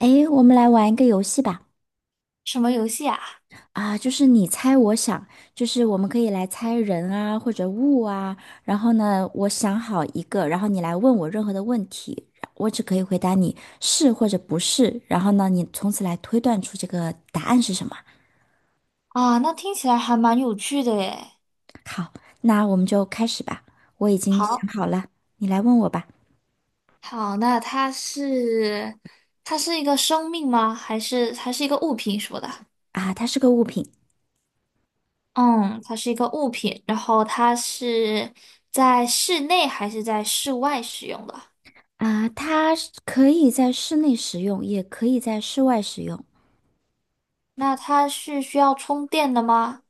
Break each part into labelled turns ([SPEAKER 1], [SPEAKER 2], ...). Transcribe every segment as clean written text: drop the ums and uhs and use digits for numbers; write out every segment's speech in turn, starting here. [SPEAKER 1] 诶，我们来玩一个游戏吧。
[SPEAKER 2] 什么游戏啊？
[SPEAKER 1] 啊，就是你猜我想，就是我们可以来猜人啊，或者物啊。然后呢，我想好一个，然后你来问我任何的问题，我只可以回答你是或者不是。然后呢，你从此来推断出这个答案是什么。
[SPEAKER 2] 啊，那听起来还蛮有趣的耶。
[SPEAKER 1] 好，那我们就开始吧。我已经想
[SPEAKER 2] 好，
[SPEAKER 1] 好了，你来问我吧。
[SPEAKER 2] 好，那它是它是一个生命吗？还是一个物品什么的？
[SPEAKER 1] 啊，它是个物品。
[SPEAKER 2] 嗯，它是一个物品，然后它是在室内还是在室外使用的？
[SPEAKER 1] 啊，它是可以在室内使用，也可以在室外使用。
[SPEAKER 2] 那它是需要充电的吗？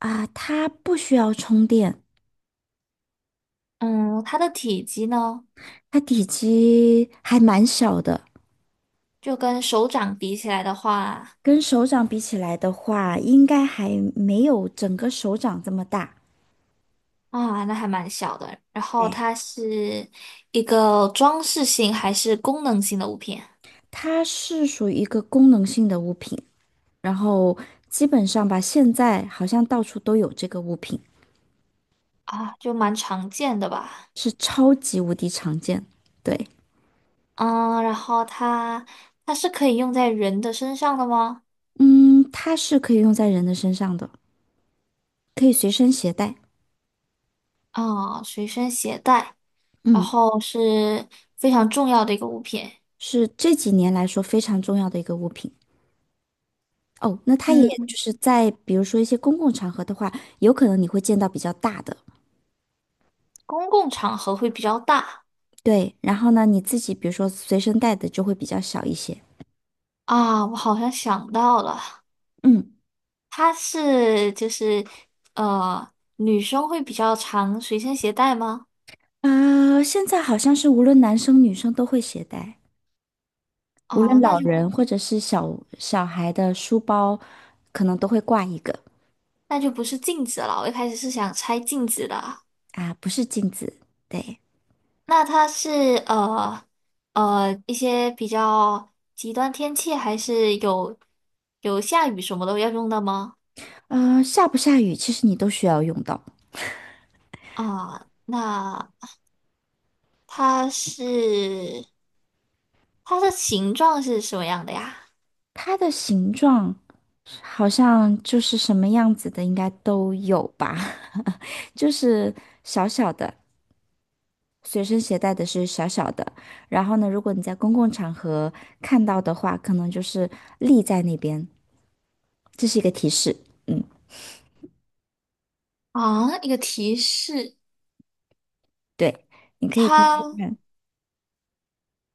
[SPEAKER 1] 啊，它不需要充电。
[SPEAKER 2] 嗯，它的体积呢，
[SPEAKER 1] 它体积还蛮小的，
[SPEAKER 2] 就跟手掌比起来的话，
[SPEAKER 1] 跟手掌比起来的话，应该还没有整个手掌这么大。
[SPEAKER 2] 啊，那还蛮小的。然后
[SPEAKER 1] 对，
[SPEAKER 2] 它是一个装饰性还是功能性的物品？
[SPEAKER 1] 它是属于一个功能性的物品，然后基本上吧，现在好像到处都有这个物品，
[SPEAKER 2] 啊，就蛮常见的吧。
[SPEAKER 1] 是超级无敌常见。对，
[SPEAKER 2] 嗯，然后它它是可以用在人的身上的吗？
[SPEAKER 1] 嗯，它是可以用在人的身上的，可以随身携带。
[SPEAKER 2] 啊，随身携带，然
[SPEAKER 1] 嗯，
[SPEAKER 2] 后是非常重要的一个物品。
[SPEAKER 1] 是这几年来说非常重要的一个物品。哦，那它也
[SPEAKER 2] 嗯，
[SPEAKER 1] 就是在比如说一些公共场合的话，有可能你会见到比较大的，
[SPEAKER 2] 公共场合会比较大
[SPEAKER 1] 对。然后呢，你自己比如说随身带的就会比较小一些。
[SPEAKER 2] 啊。我好像想到了，
[SPEAKER 1] 嗯，
[SPEAKER 2] 它是就是女生会比较常随身携带吗？
[SPEAKER 1] 啊、现在好像是无论男生女生都会携带，无论
[SPEAKER 2] 哦，那
[SPEAKER 1] 老
[SPEAKER 2] 就
[SPEAKER 1] 人或者是小小孩的书包，可能都会挂一个。
[SPEAKER 2] 那就不是镜子了。我一开始是想拆镜子的。
[SPEAKER 1] 啊，不是镜子。对，
[SPEAKER 2] 那它是呃一些比较极端天气，还是有下雨什么都要用的吗？
[SPEAKER 1] 下不下雨，其实你都需要用到。
[SPEAKER 2] 啊，那它是它的形状是什么样的呀？
[SPEAKER 1] 它的形状好像就是什么样子的，应该都有吧。就是小小的，随身携带的是小小的。然后呢，如果你在公共场合看到的话，可能就是立在那边，这是一个提示。嗯，
[SPEAKER 2] 啊，一个提示，
[SPEAKER 1] 对，你可以听听
[SPEAKER 2] 它
[SPEAKER 1] 看。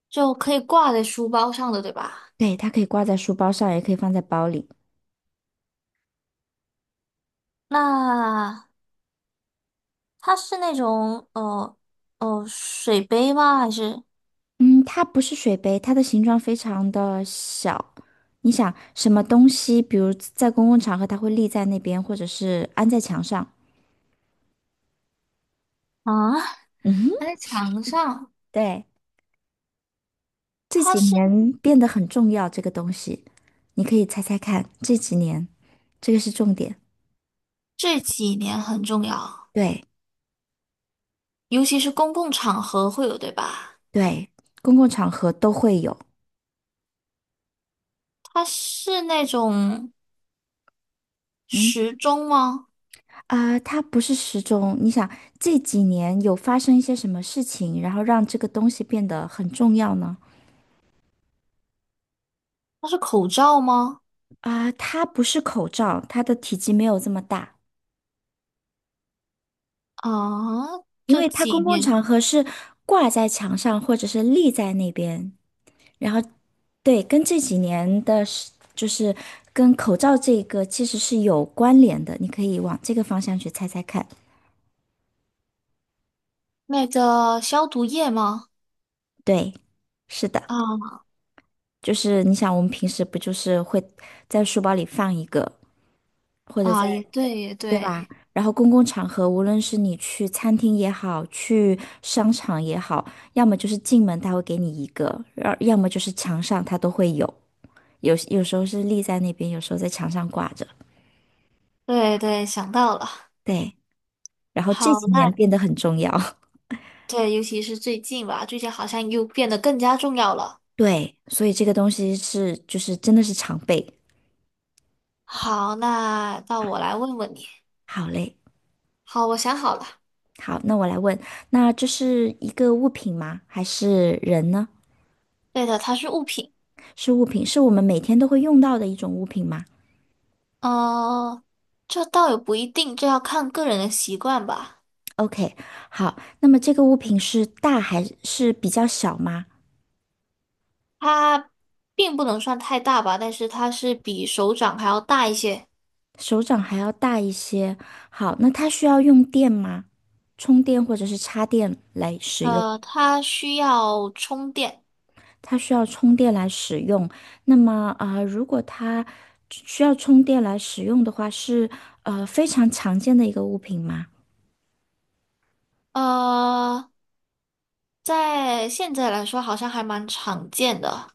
[SPEAKER 2] 就可以挂在书包上的，对吧？
[SPEAKER 1] 对，它可以挂在书包上，也可以放在包里。
[SPEAKER 2] 那它是那种水杯吗？还是
[SPEAKER 1] 嗯，它不是水杯，它的形状非常的小。你想什么东西，比如在公共场合，它会立在那边，或者是安在墙上。
[SPEAKER 2] 啊？
[SPEAKER 1] 嗯哼。
[SPEAKER 2] 它在墙上，
[SPEAKER 1] 对。这
[SPEAKER 2] 它
[SPEAKER 1] 几
[SPEAKER 2] 是
[SPEAKER 1] 年变得很重要，这个东西，你可以猜猜看，这几年，这个是重点。
[SPEAKER 2] 这几年很重要。
[SPEAKER 1] 对
[SPEAKER 2] 尤其是公共场合会有，对吧？
[SPEAKER 1] 对，公共场合都会有。
[SPEAKER 2] 它是那种
[SPEAKER 1] 嗯。
[SPEAKER 2] 时钟吗？
[SPEAKER 1] 啊，它不是时钟。你想这几年有发生一些什么事情，然后让这个东西变得很重要呢？
[SPEAKER 2] 它是口罩吗？
[SPEAKER 1] 啊，它不是口罩，它的体积没有这么大。
[SPEAKER 2] 啊，
[SPEAKER 1] 因
[SPEAKER 2] 这
[SPEAKER 1] 为它
[SPEAKER 2] 几
[SPEAKER 1] 公共
[SPEAKER 2] 年
[SPEAKER 1] 场合是挂在墙上或者是立在那边，然后对，跟这几年的是，就是跟口罩这个其实是有关联的，你可以往这个方向去猜猜看。
[SPEAKER 2] 那个消毒液吗？
[SPEAKER 1] 对，是的，
[SPEAKER 2] 啊
[SPEAKER 1] 就是你想，我们平时不就是会在书包里放一个，或者在，
[SPEAKER 2] 啊，也对，也对，
[SPEAKER 1] 然后公共场合，无论是你去餐厅也好，去商场也好，要么就是进门他会给你一个，要么就是墙上它都会有。有时候是立在那边，有时候在墙上挂着。
[SPEAKER 2] 对对，想到了。
[SPEAKER 1] 对，然后这
[SPEAKER 2] 好，
[SPEAKER 1] 几年
[SPEAKER 2] 那
[SPEAKER 1] 变得很重要。
[SPEAKER 2] 对，尤其是最近吧，最近好像又变得更加重要了。
[SPEAKER 1] 对，所以这个东西是就是真的是常备。
[SPEAKER 2] 好，那到我来问问你。
[SPEAKER 1] 好嘞，
[SPEAKER 2] 好，我想好了。
[SPEAKER 1] 好，那我来问，那这是一个物品吗？还是人呢？
[SPEAKER 2] 对的，它是物品。
[SPEAKER 1] 是物品，是我们每天都会用到的一种物品吗
[SPEAKER 2] 呃，这倒也不一定，这要看个人的习惯吧。
[SPEAKER 1] ？OK，好，那么这个物品是大还是比较小吗？
[SPEAKER 2] 它并不能算太大吧，但是它是比手掌还要大一些。
[SPEAKER 1] 手掌还要大一些。好，那它需要用电吗？充电或者是插电来使用？
[SPEAKER 2] 呃，它需要充电。
[SPEAKER 1] 它需要充电来使用。那么啊，如果它需要充电来使用的话，是非常常见的一个物品吗
[SPEAKER 2] 呃，在现在来说好像还蛮常见的，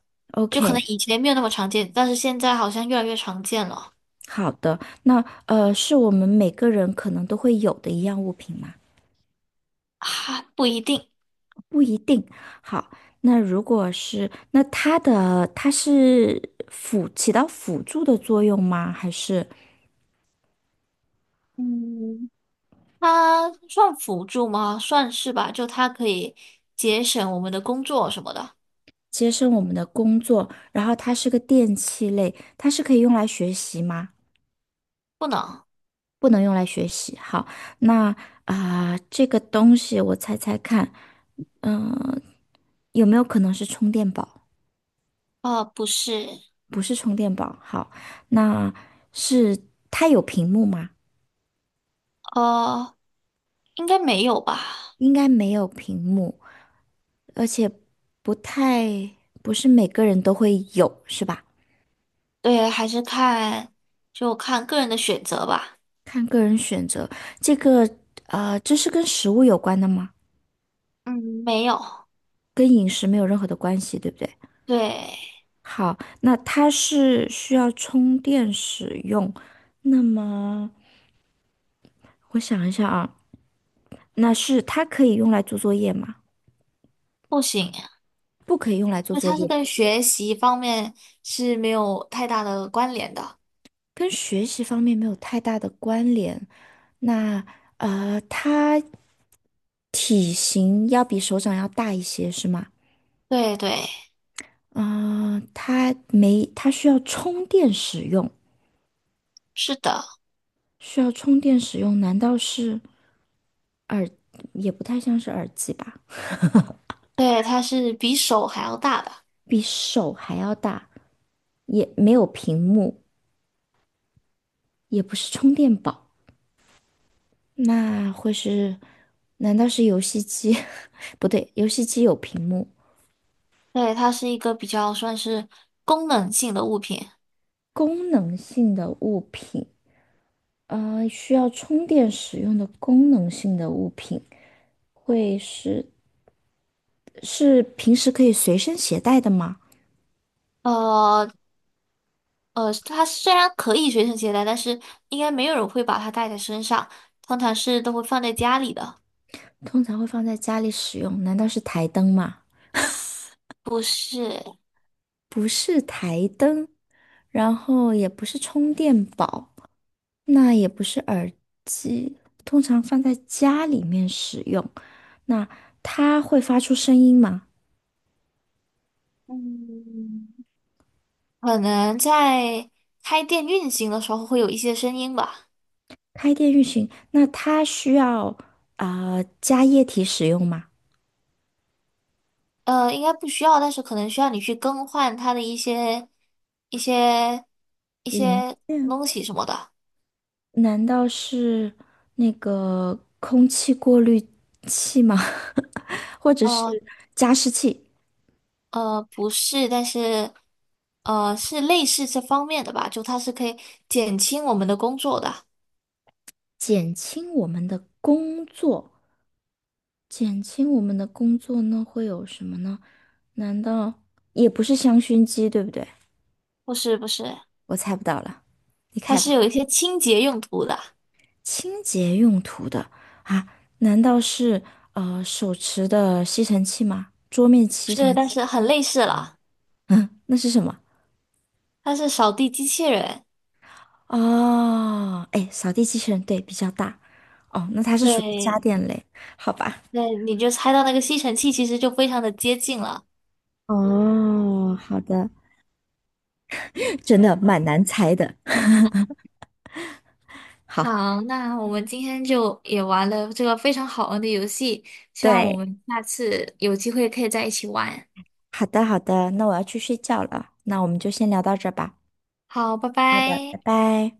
[SPEAKER 2] 就可能
[SPEAKER 1] ？OK，
[SPEAKER 2] 以前没有那么常见，但是现在好像越来越常见了。
[SPEAKER 1] 好的。那是我们每个人可能都会有的一样物品吗？
[SPEAKER 2] 啊，不一定。
[SPEAKER 1] 不一定。好，那如果是，那它是起到辅助的作用吗？还是
[SPEAKER 2] 嗯，它算辅助吗？算是吧，就它可以节省我们的工作什么的。
[SPEAKER 1] 节省我们的工作？然后它是个电器类，它是可以用来学习吗？
[SPEAKER 2] 不能。
[SPEAKER 1] 不能用来学习。好，那啊、这个东西我猜猜看，有没有可能是充电宝？
[SPEAKER 2] 呃，不是。
[SPEAKER 1] 不是充电宝。好，那是它有屏幕吗？
[SPEAKER 2] 呃，应该没有吧。
[SPEAKER 1] 应该没有屏幕，而且不太，不是每个人都会有，是吧？
[SPEAKER 2] 对，还是看就看个人的选择吧。
[SPEAKER 1] 看个人选择。这个啊，这是跟食物有关的吗？
[SPEAKER 2] 嗯，没有，
[SPEAKER 1] 跟饮食没有任何的关系，对不对？
[SPEAKER 2] 对，
[SPEAKER 1] 好，那它是需要充电使用，那么。我想一下啊，那是它可以用来做作业吗？
[SPEAKER 2] 不行，
[SPEAKER 1] 不可以用来做
[SPEAKER 2] 那
[SPEAKER 1] 作
[SPEAKER 2] 它是
[SPEAKER 1] 业，
[SPEAKER 2] 跟学习方面是没有太大的关联的。
[SPEAKER 1] 跟学习方面没有太大的关联。那它体型要比手掌要大一些，是吗？
[SPEAKER 2] 对对，
[SPEAKER 1] 啊、它没，它需要充电使用，
[SPEAKER 2] 是的，
[SPEAKER 1] 需要充电使用，难道是也不太像是耳机吧？
[SPEAKER 2] 对，它是比手还要大的。
[SPEAKER 1] 比手还要大，也没有屏幕，也不是充电宝。那会是？难道是游戏机？不对，游戏机有屏幕。
[SPEAKER 2] 对，它是一个比较算是功能性的物品。
[SPEAKER 1] 功能性的物品，需要充电使用的功能性的物品，会是平时可以随身携带的吗？
[SPEAKER 2] 呃呃，它虽然可以随身携带，但是应该没有人会把它带在身上，通常是都会放在家里的。
[SPEAKER 1] 通常会放在家里使用，难道是台灯吗？
[SPEAKER 2] 不是，
[SPEAKER 1] 不是台灯，然后也不是充电宝，那也不是耳机，通常放在家里面使用。那它会发出声音吗？
[SPEAKER 2] 嗯。可能在开店运行的时候会有一些声音吧，
[SPEAKER 1] 开店运行，那它需要啊、加液体使用吗？
[SPEAKER 2] 呃，应该不需要，但是可能需要你去更换它的一些一
[SPEAKER 1] 零
[SPEAKER 2] 些
[SPEAKER 1] 件
[SPEAKER 2] 东西什么的，
[SPEAKER 1] 难道是那个空气过滤器吗？或者是
[SPEAKER 2] 呃
[SPEAKER 1] 加湿器？
[SPEAKER 2] 不是，但是呃是类似这方面的吧，就它是可以减轻我们的工作的，
[SPEAKER 1] 减轻我们的工作，减轻我们的工作呢，会有什么呢？难道也不是香薰机，对不对？
[SPEAKER 2] 不是不是，
[SPEAKER 1] 我猜不到了，你
[SPEAKER 2] 它
[SPEAKER 1] 开
[SPEAKER 2] 是
[SPEAKER 1] 吧。
[SPEAKER 2] 有一些清洁用途的，
[SPEAKER 1] 清洁用途的啊？难道是手持的吸尘器吗？桌面吸
[SPEAKER 2] 是，
[SPEAKER 1] 尘
[SPEAKER 2] 但
[SPEAKER 1] 器？
[SPEAKER 2] 是很类似了，
[SPEAKER 1] 嗯，那是什么？
[SPEAKER 2] 它是扫地机器人，
[SPEAKER 1] 哦，哎，扫地机器人，对，比较大。哦，那它是属于家
[SPEAKER 2] 对，
[SPEAKER 1] 电类，好吧？
[SPEAKER 2] 对，你就猜到那个吸尘器其实就非常的接近了。
[SPEAKER 1] 哦，好的，真的蛮难猜的。好，
[SPEAKER 2] 好，那我们今天就也玩了这个非常好玩的游戏，希望我
[SPEAKER 1] 对，
[SPEAKER 2] 们下次有机会可以在一起玩。
[SPEAKER 1] 好的，好的，那我要去睡觉了，那我们就先聊到这儿吧。
[SPEAKER 2] 好，拜
[SPEAKER 1] 好的，拜
[SPEAKER 2] 拜。
[SPEAKER 1] 拜。